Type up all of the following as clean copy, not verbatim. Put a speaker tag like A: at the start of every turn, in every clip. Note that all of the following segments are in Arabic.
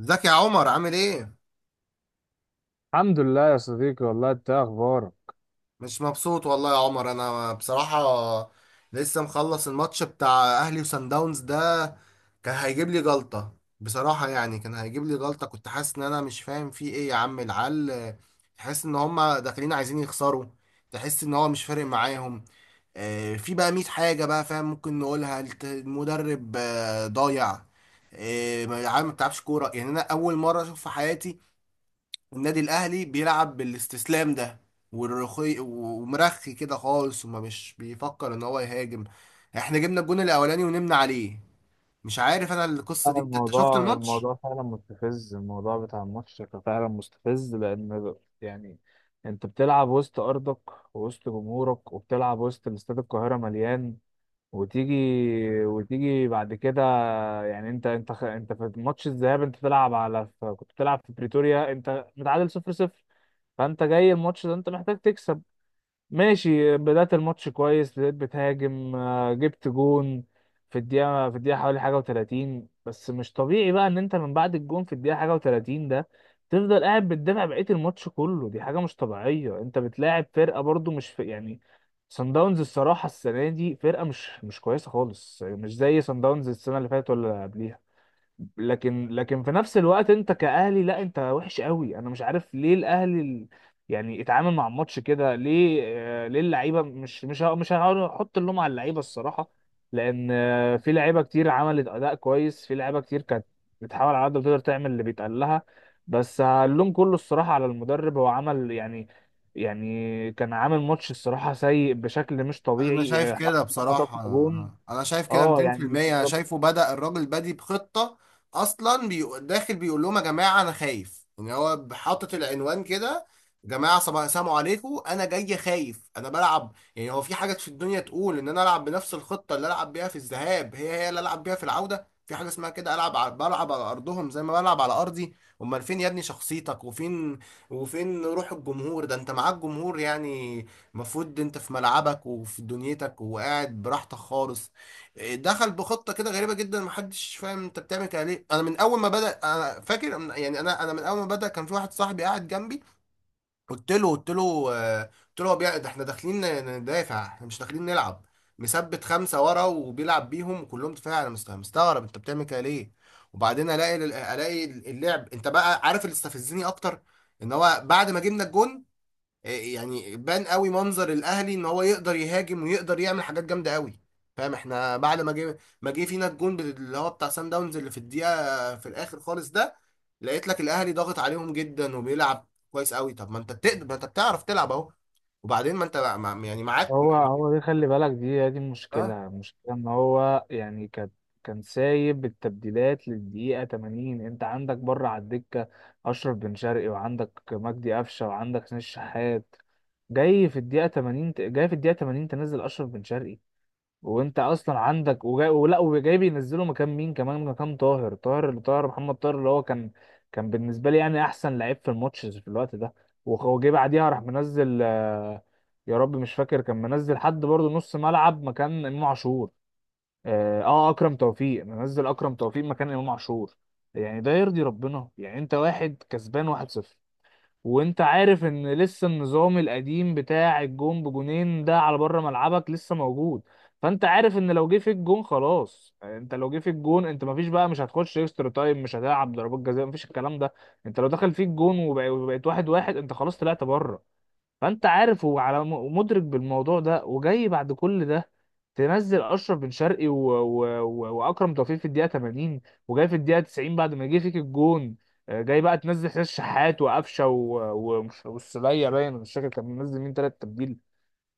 A: ازيك يا عمر؟ عامل ايه؟
B: الحمد لله يا صديقي، والله انت ايه اخبارك؟
A: مش مبسوط والله يا عمر انا بصراحة. لسه مخلص الماتش بتاع اهلي وسان داونز ده، كان هيجيب لي جلطة بصراحة، يعني كان هيجيب لي جلطة. كنت حاسس ان انا مش فاهم في ايه يا عم. العيال تحس ان هما داخلين عايزين يخسروا، تحس ان هو مش فارق معاهم. في بقى 100 حاجة بقى فاهم ممكن نقولها. المدرب ضايع. العيال ما بتلعبش كورة، يعني انا اول مرة اشوف في حياتي النادي الاهلي بيلعب بالاستسلام ده، والرخي ومرخي كده خالص وما مش بيفكر ان هو يهاجم. احنا جبنا الجون الاولاني ونمنا عليه. مش عارف انا القصه دي،
B: لا،
A: انت شفت
B: الموضوع
A: الماتش؟
B: الموضوع فعلا مستفز، الموضوع بتاع الماتش كان فعلا مستفز، لان يعني انت بتلعب وسط ارضك ووسط جمهورك، وبتلعب وسط استاد القاهره مليان، وتيجي وتيجي بعد كده. يعني انت في ماتش الذهاب، انت بتلعب كنت بتلعب في بريتوريا، انت متعادل 0-0. فانت جاي الماتش ده انت محتاج تكسب. ماشي، بدأت الماتش كويس، بدأت بتهاجم، جبت جون في الدقيقة حوالي 31. بس مش طبيعي بقى إن أنت من بعد الجون في الدقيقة 31 ده تفضل قاعد بتدافع بقية الماتش كله. دي حاجة مش طبيعية. أنت بتلاعب فرقة برضو مش في يعني سان داونز. الصراحة السنة دي فرقة مش كويسة خالص، يعني مش زي سان داونز السنة اللي فاتت ولا اللي قبليها. لكن في نفس الوقت انت كأهلي لا، انت وحش قوي. انا مش عارف ليه الاهلي يعني اتعامل مع الماتش كده ليه؟ ليه اللعيبه؟ مش هحاول احط اللوم على اللعيبه الصراحه، لان في لعيبه كتير عملت اداء كويس، في لعيبه كتير كانت بتحاول على قد ما تقدر تعمل اللي بيتقال لها. بس اللوم كله الصراحه على المدرب. هو عمل يعني، يعني كان عامل ماتش الصراحه سيء بشكل مش
A: انا شايف
B: طبيعي،
A: كده
B: حتى
A: بصراحة.
B: خطفنا جون.
A: انا شايف كده
B: اه، يعني
A: 200%. انا شايفه بدأ الراجل بادي بخطة، اصلا داخل بيقول لهم يا جماعة انا خايف، يعني هو حاطط العنوان كده، يا جماعة صباح السلام عليكم انا جاي خايف انا بلعب. يعني هو في حاجة في الدنيا تقول ان انا العب بنفس الخطة اللي العب بيها في الذهاب هي هي اللي العب بيها في العودة؟ في حاجة اسمها كده، بلعب على ارضهم زي ما بلعب على ارضي. امال فين يا ابني شخصيتك، وفين وفين روح الجمهور ده؟ انت معاك جمهور يعني، المفروض انت في ملعبك وفي دنيتك وقاعد براحتك خالص. دخل بخطه كده غريبه جدا، محدش فاهم انت بتعمل كده ليه. انا من اول ما بدا، انا فاكر انا من اول ما بدا كان في واحد صاحبي قاعد جنبي، قلت له قلت له، ده احنا داخلين ندافع، احنا مش داخلين نلعب. مثبت خمسه ورا وبيلعب بيهم وكلهم دفاع، انا مستغرب انت بتعمل كده ليه. وبعدين الاقي اللعب. انت بقى عارف اللي استفزني اكتر، ان هو بعد ما جبنا الجون يعني بان قوي منظر الاهلي ان هو يقدر يهاجم ويقدر يعمل حاجات جامده قوي، فاهم؟ احنا بعد ما جه فينا الجون اللي هو بتاع سان داونز اللي في الدقيقه في الاخر خالص ده، لقيت لك الاهلي ضاغط عليهم جدا وبيلعب كويس قوي. طب ما انت بتقدر، ما انت بتعرف تلعب اهو. وبعدين ما انت يعني معاك.
B: هو دي خلي بالك، دي المشكلة ان هو يعني كان سايب التبديلات للدقيقة 80. انت عندك بره على الدكة اشرف بن شرقي، وعندك مجدي قفشة، وعندك حسين الشحات. جاي في الدقيقة 80 تنزل اشرف بن شرقي، وانت اصلا عندك، وجاي بينزله مكان مين كمان؟ مكان طاهر محمد طاهر، اللي هو كان بالنسبه لي يعني احسن لعيب في الماتش في الوقت ده. وجه بعديها راح منزل، يا رب مش فاكر، كان منزل حد برضه نص ملعب مكان امام عاشور. اكرم توفيق، منزل اكرم توفيق مكان امام عاشور. يعني ده يرضي ربنا؟ يعني انت واحد كسبان 1-0، وانت عارف ان لسه النظام القديم بتاع الجون بجونين ده على بره ملعبك لسه موجود. فانت عارف ان لو جه فيك جون خلاص، انت لو جه فيك جون انت مفيش بقى، مش هتخش اكسترا تايم، مش هتلعب ضربات جزاء، مفيش الكلام ده. انت لو دخل فيك جون وبقيت 1-1، انت خلاص طلعت بره. فانت عارف، هو على مدرك بالموضوع ده، وجاي بعد كل ده تنزل اشرف بن شرقي واكرم توفيق في الدقيقه 80، وجاي في الدقيقه 90 بعد ما جه فيك الجون. جاي بقى تنزل حسين الشحات وقفشه والسليه. باين مش فاكر كان منزل مين ثلاث تبديل.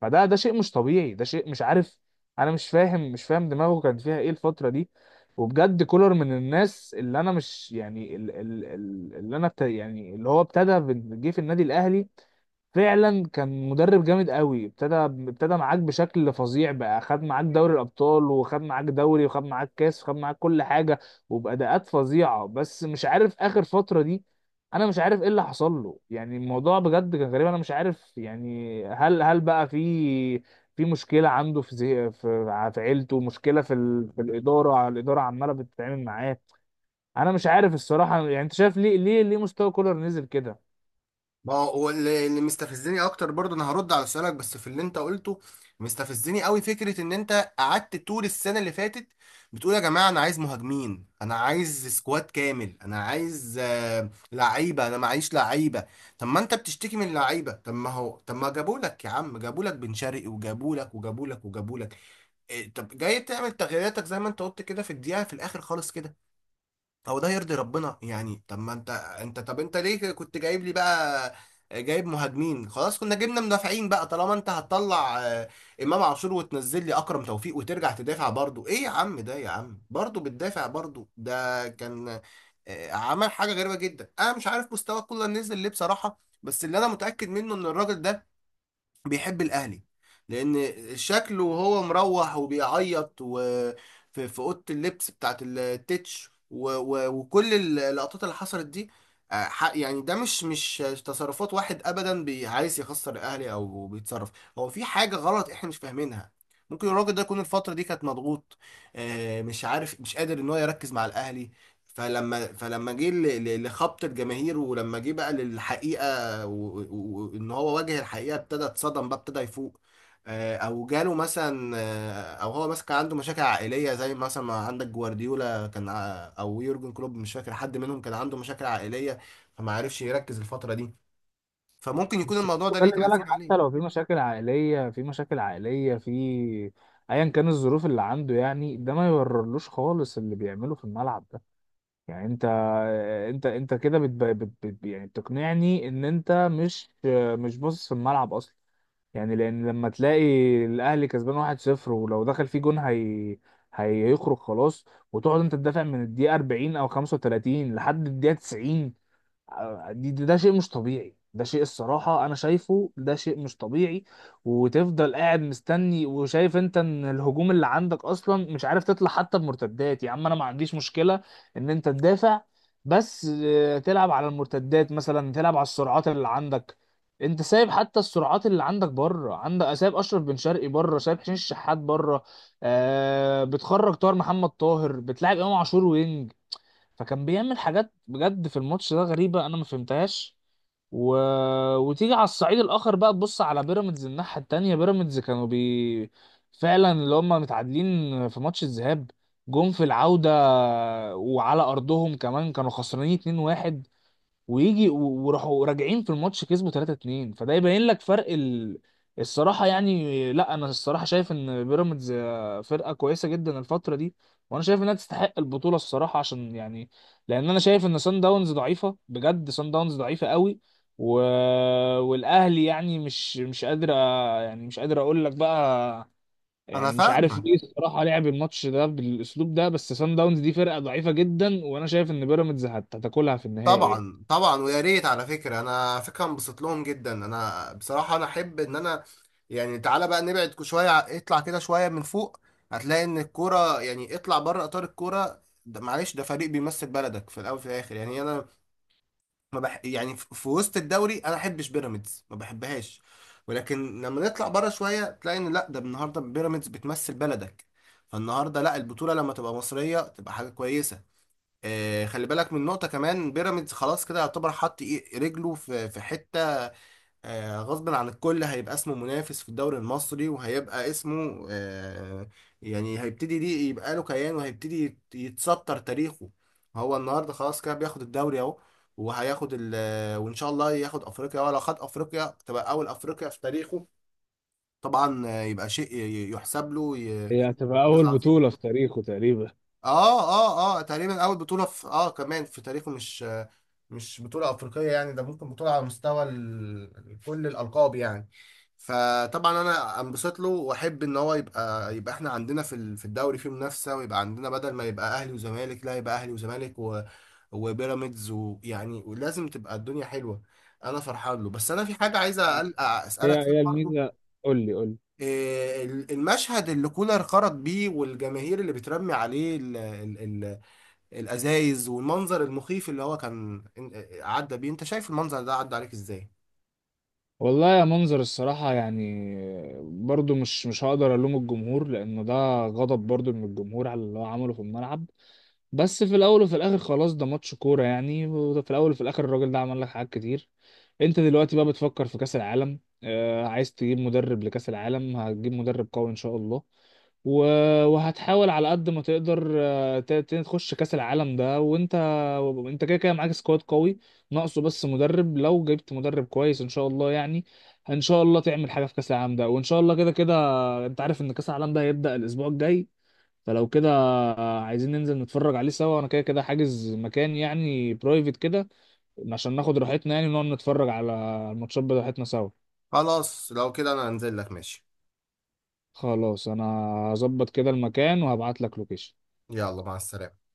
B: فده شيء مش طبيعي، ده شيء مش عارف. انا مش فاهم دماغه كان فيها ايه الفتره دي. وبجد كولر من الناس اللي انا مش يعني، اللي انا يعني اللي هو ابتدى جه في النادي الاهلي فعلا كان مدرب جامد قوي. ابتدى معاك بشكل فظيع بقى، خد معاك دوري الابطال، وخد معاك دوري، وخد معاك كاس، وخد معاك كل حاجه، وباداءات فظيعه. بس مش عارف اخر فتره دي، انا مش عارف ايه اللي حصل له. يعني الموضوع بجد كان غريب. انا مش عارف يعني، هل بقى في مشكله عنده في زي في في عيلته، مشكله في في الاداره؟ الاداره عماله بتتعامل معاه؟ انا مش عارف الصراحه. يعني انت شايف ليه، ليه مستوى كولر نزل كده؟
A: ما هو اللي مستفزني اكتر برضه، انا هرد على سؤالك بس في اللي انت قلته. مستفزني قوي فكره ان انت قعدت طول السنه اللي فاتت بتقول يا جماعه انا عايز مهاجمين، انا عايز سكواد كامل، انا عايز لعيبه، انا معيش لعيبه. طب ما انت بتشتكي من اللعيبه، طب ما هو، طب ما جابوا لك يا عم، جابوا لك بن شرقي وجابوا لك وجابوا لك وجابوا لك إيه؟ طب جاي تعمل تغييراتك زي ما انت قلت كده في الدقيقه في الاخر خالص كده، هو ده يرضي ربنا يعني؟ طب ما انت، انت طب انت ليه كنت جايب لي بقى جايب مهاجمين؟ خلاص كنا جبنا مدافعين بقى طالما انت هتطلع امام عاشور وتنزل لي اكرم توفيق وترجع تدافع برضو. ايه يا عم ده يا عم، برضو بتدافع برضو. ده كان عمل حاجة غريبة جدا. انا مش عارف مستوى كولر نزل ليه بصراحة، بس اللي انا متأكد منه ان الراجل ده بيحب الاهلي، لان شكله وهو مروح وبيعيط، وفي في اوضه اللبس بتاعت التتش وكل اللقطات اللي حصلت دي، يعني ده مش تصرفات واحد ابدا عايز يخسر الاهلي او بيتصرف. هو في حاجه غلط احنا مش فاهمينها، ممكن الراجل ده يكون الفتره دي كانت مضغوط، مش عارف، مش قادر ان هو يركز مع الاهلي. فلما جه لخبط الجماهير، ولما جه بقى للحقيقه وان هو واجه الحقيقه ابتدى اتصدم بقى، ابتدى يفوق. او جاله مثلا، او هو مثلا كان عنده مشاكل عائليه، زي مثلا ما عندك جوارديولا كان او يورجن كلوب، مش فاكر حد منهم كان عنده مشاكل عائليه فما عرفش يركز الفتره دي، فممكن يكون
B: بس برضه
A: الموضوع ده
B: خلي
A: ليه
B: بالك،
A: تاثير
B: حتى لو
A: عليه.
B: في مشاكل عائلية، في ايا كان الظروف اللي عنده، يعني ده ما يبررلوش خالص اللي بيعمله في الملعب ده. يعني انت كده، يعني بتقنعني ان انت مش باصص في الملعب اصلا. يعني لان لما تلاقي الاهلي كسبان 1-0 ولو دخل فيه جون هيخرج خلاص، وتقعد انت تدافع من الدقيقة 40 او 35 لحد الدقيقة 90. ده شيء مش طبيعي، ده شيء الصراحة أنا شايفه ده شيء مش طبيعي. وتفضل قاعد مستني وشايف أنت إن الهجوم اللي عندك أصلا مش عارف تطلع حتى بمرتدات. يا عم أنا ما عنديش مشكلة إن أنت تدافع، بس تلعب على المرتدات مثلا، تلعب على السرعات اللي عندك. أنت سايب حتى السرعات اللي عندك بره، عندك سايب أشرف بن شرقي بره، سايب حسين الشحات بره، بتخرج طاهر محمد طاهر، بتلعب إمام عاشور وينج. فكان بيعمل حاجات بجد في الماتش ده غريبة، أنا ما فهمتهاش. و... وتيجي على الصعيد الآخر بقى، تبص على بيراميدز الناحية التانية. بيراميدز كانوا فعلا اللي هم متعادلين في ماتش الذهاب، جم في العودة وعلى أرضهم كمان كانوا خسرانين 2-1، ويجي و- وراحوا راجعين في الماتش كسبوا 3-2. فده يبين لك فرق الصراحة. يعني لا، أنا الصراحة شايف إن بيراميدز فرقة كويسة جدا الفترة دي، وأنا شايف إنها تستحق البطولة الصراحة، عشان يعني لأن أنا شايف إن سان داونز ضعيفة بجد، سان داونز ضعيفة قوي. و... والأهلي يعني مش قادر يعني مش قادر أقول لك بقى،
A: انا
B: يعني مش عارف
A: فاهمك،
B: ليه الصراحة لعب الماتش ده بالأسلوب ده. بس سان داونز دي فرقة ضعيفة جدا، وأنا شايف إن بيراميدز هتاكلها في النهائي يعني.
A: طبعا طبعا. ويا ريت، على فكره انا على فكره انبسط لهم جدا، انا بصراحه انا احب ان انا يعني، تعالى بقى نبعد شويه، اطلع كده شويه من فوق، هتلاقي ان الكوره يعني اطلع بره اطار الكوره ده. معلش، ده فريق بيمثل بلدك في الاول وفي الاخر. يعني انا ما بح يعني في وسط الدوري انا احبش بيراميدز، ما بحبهاش، ولكن لما نطلع بره شويه تلاقي ان لا، ده النهارده بيراميدز بتمثل بلدك، فالنهارده لا، البطوله لما تبقى مصريه تبقى حاجه كويسه. خلي بالك من نقطة كمان، بيراميدز خلاص كده يعتبر حط رجله في حتة غصب عن الكل، هيبقى اسمه منافس في الدوري المصري وهيبقى اسمه يعني هيبتدي دي، يبقى له كيان وهيبتدي يتسطر تاريخه. هو النهارده خلاص كده بياخد الدوري اهو، وهياخد ال آه، وان شاء الله ياخد افريقيا، ولو خد افريقيا تبقى اول افريقيا في تاريخه. طبعا، يبقى شيء يحسب له
B: هي هتبقى
A: إنجاز
B: أول
A: عظيم.
B: بطولة في تاريخه تقريبا.
A: اه اه اه، تقريبا اول بطولة في اه كمان في تاريخه، مش بطولة افريقية يعني، ده ممكن بطولة على مستوى كل الالقاب يعني. فطبعا انا انبسط له، واحب ان هو يبقى احنا عندنا في في الدوري في منافسة، ويبقى عندنا بدل ما يبقى اهلي وزمالك، لا يبقى اهلي وزمالك و وبيراميدز، ويعني ولازم تبقى الدنيا حلوة. انا فرحان له، بس انا في حاجة عايز
B: آه. هي
A: اسألك
B: هي
A: فيها برضه.
B: الميزة. قول لي قول لي.
A: إيه المشهد اللي كولر خرج بيه والجماهير اللي بترمي عليه الازايز والمنظر المخيف اللي هو كان عدى بيه؟ انت شايف المنظر ده عدى عليك ازاي؟
B: والله يا، منظر الصراحة يعني، برضو مش هقدر ألوم الجمهور، لأنه ده غضب برضو من الجمهور على اللي هو عمله في الملعب. بس في الاول وفي الاخر خلاص ده ماتش كوره يعني، في الاول وفي الاخر الراجل ده عمل لك حاجات كتير. انت دلوقتي بقى بتفكر في كاس العالم، عايز تجيب مدرب لكاس العالم، هتجيب مدرب قوي ان شاء الله، وهتحاول على قد ما تقدر تخش كاس العالم ده، وانت كده كده معاك سكواد قوي، ناقصه بس مدرب. لو جبت مدرب كويس ان شاء الله يعني، ان شاء الله تعمل حاجه في كاس العالم ده. وان شاء الله كده كده انت عارف ان كاس العالم ده هيبدا الاسبوع الجاي، فلو كده عايزين ننزل نتفرج عليه سوا، وانا كده كده حاجز مكان يعني، برايفت كده عشان ناخد راحتنا يعني، ونقعد نتفرج على الماتشات بتاعتنا سوا.
A: خلاص لو كده انا هنزل لك، ماشي.
B: خلاص، انا هظبط كده المكان وهبعت لك لوكيشن.
A: يلا مع السلامة.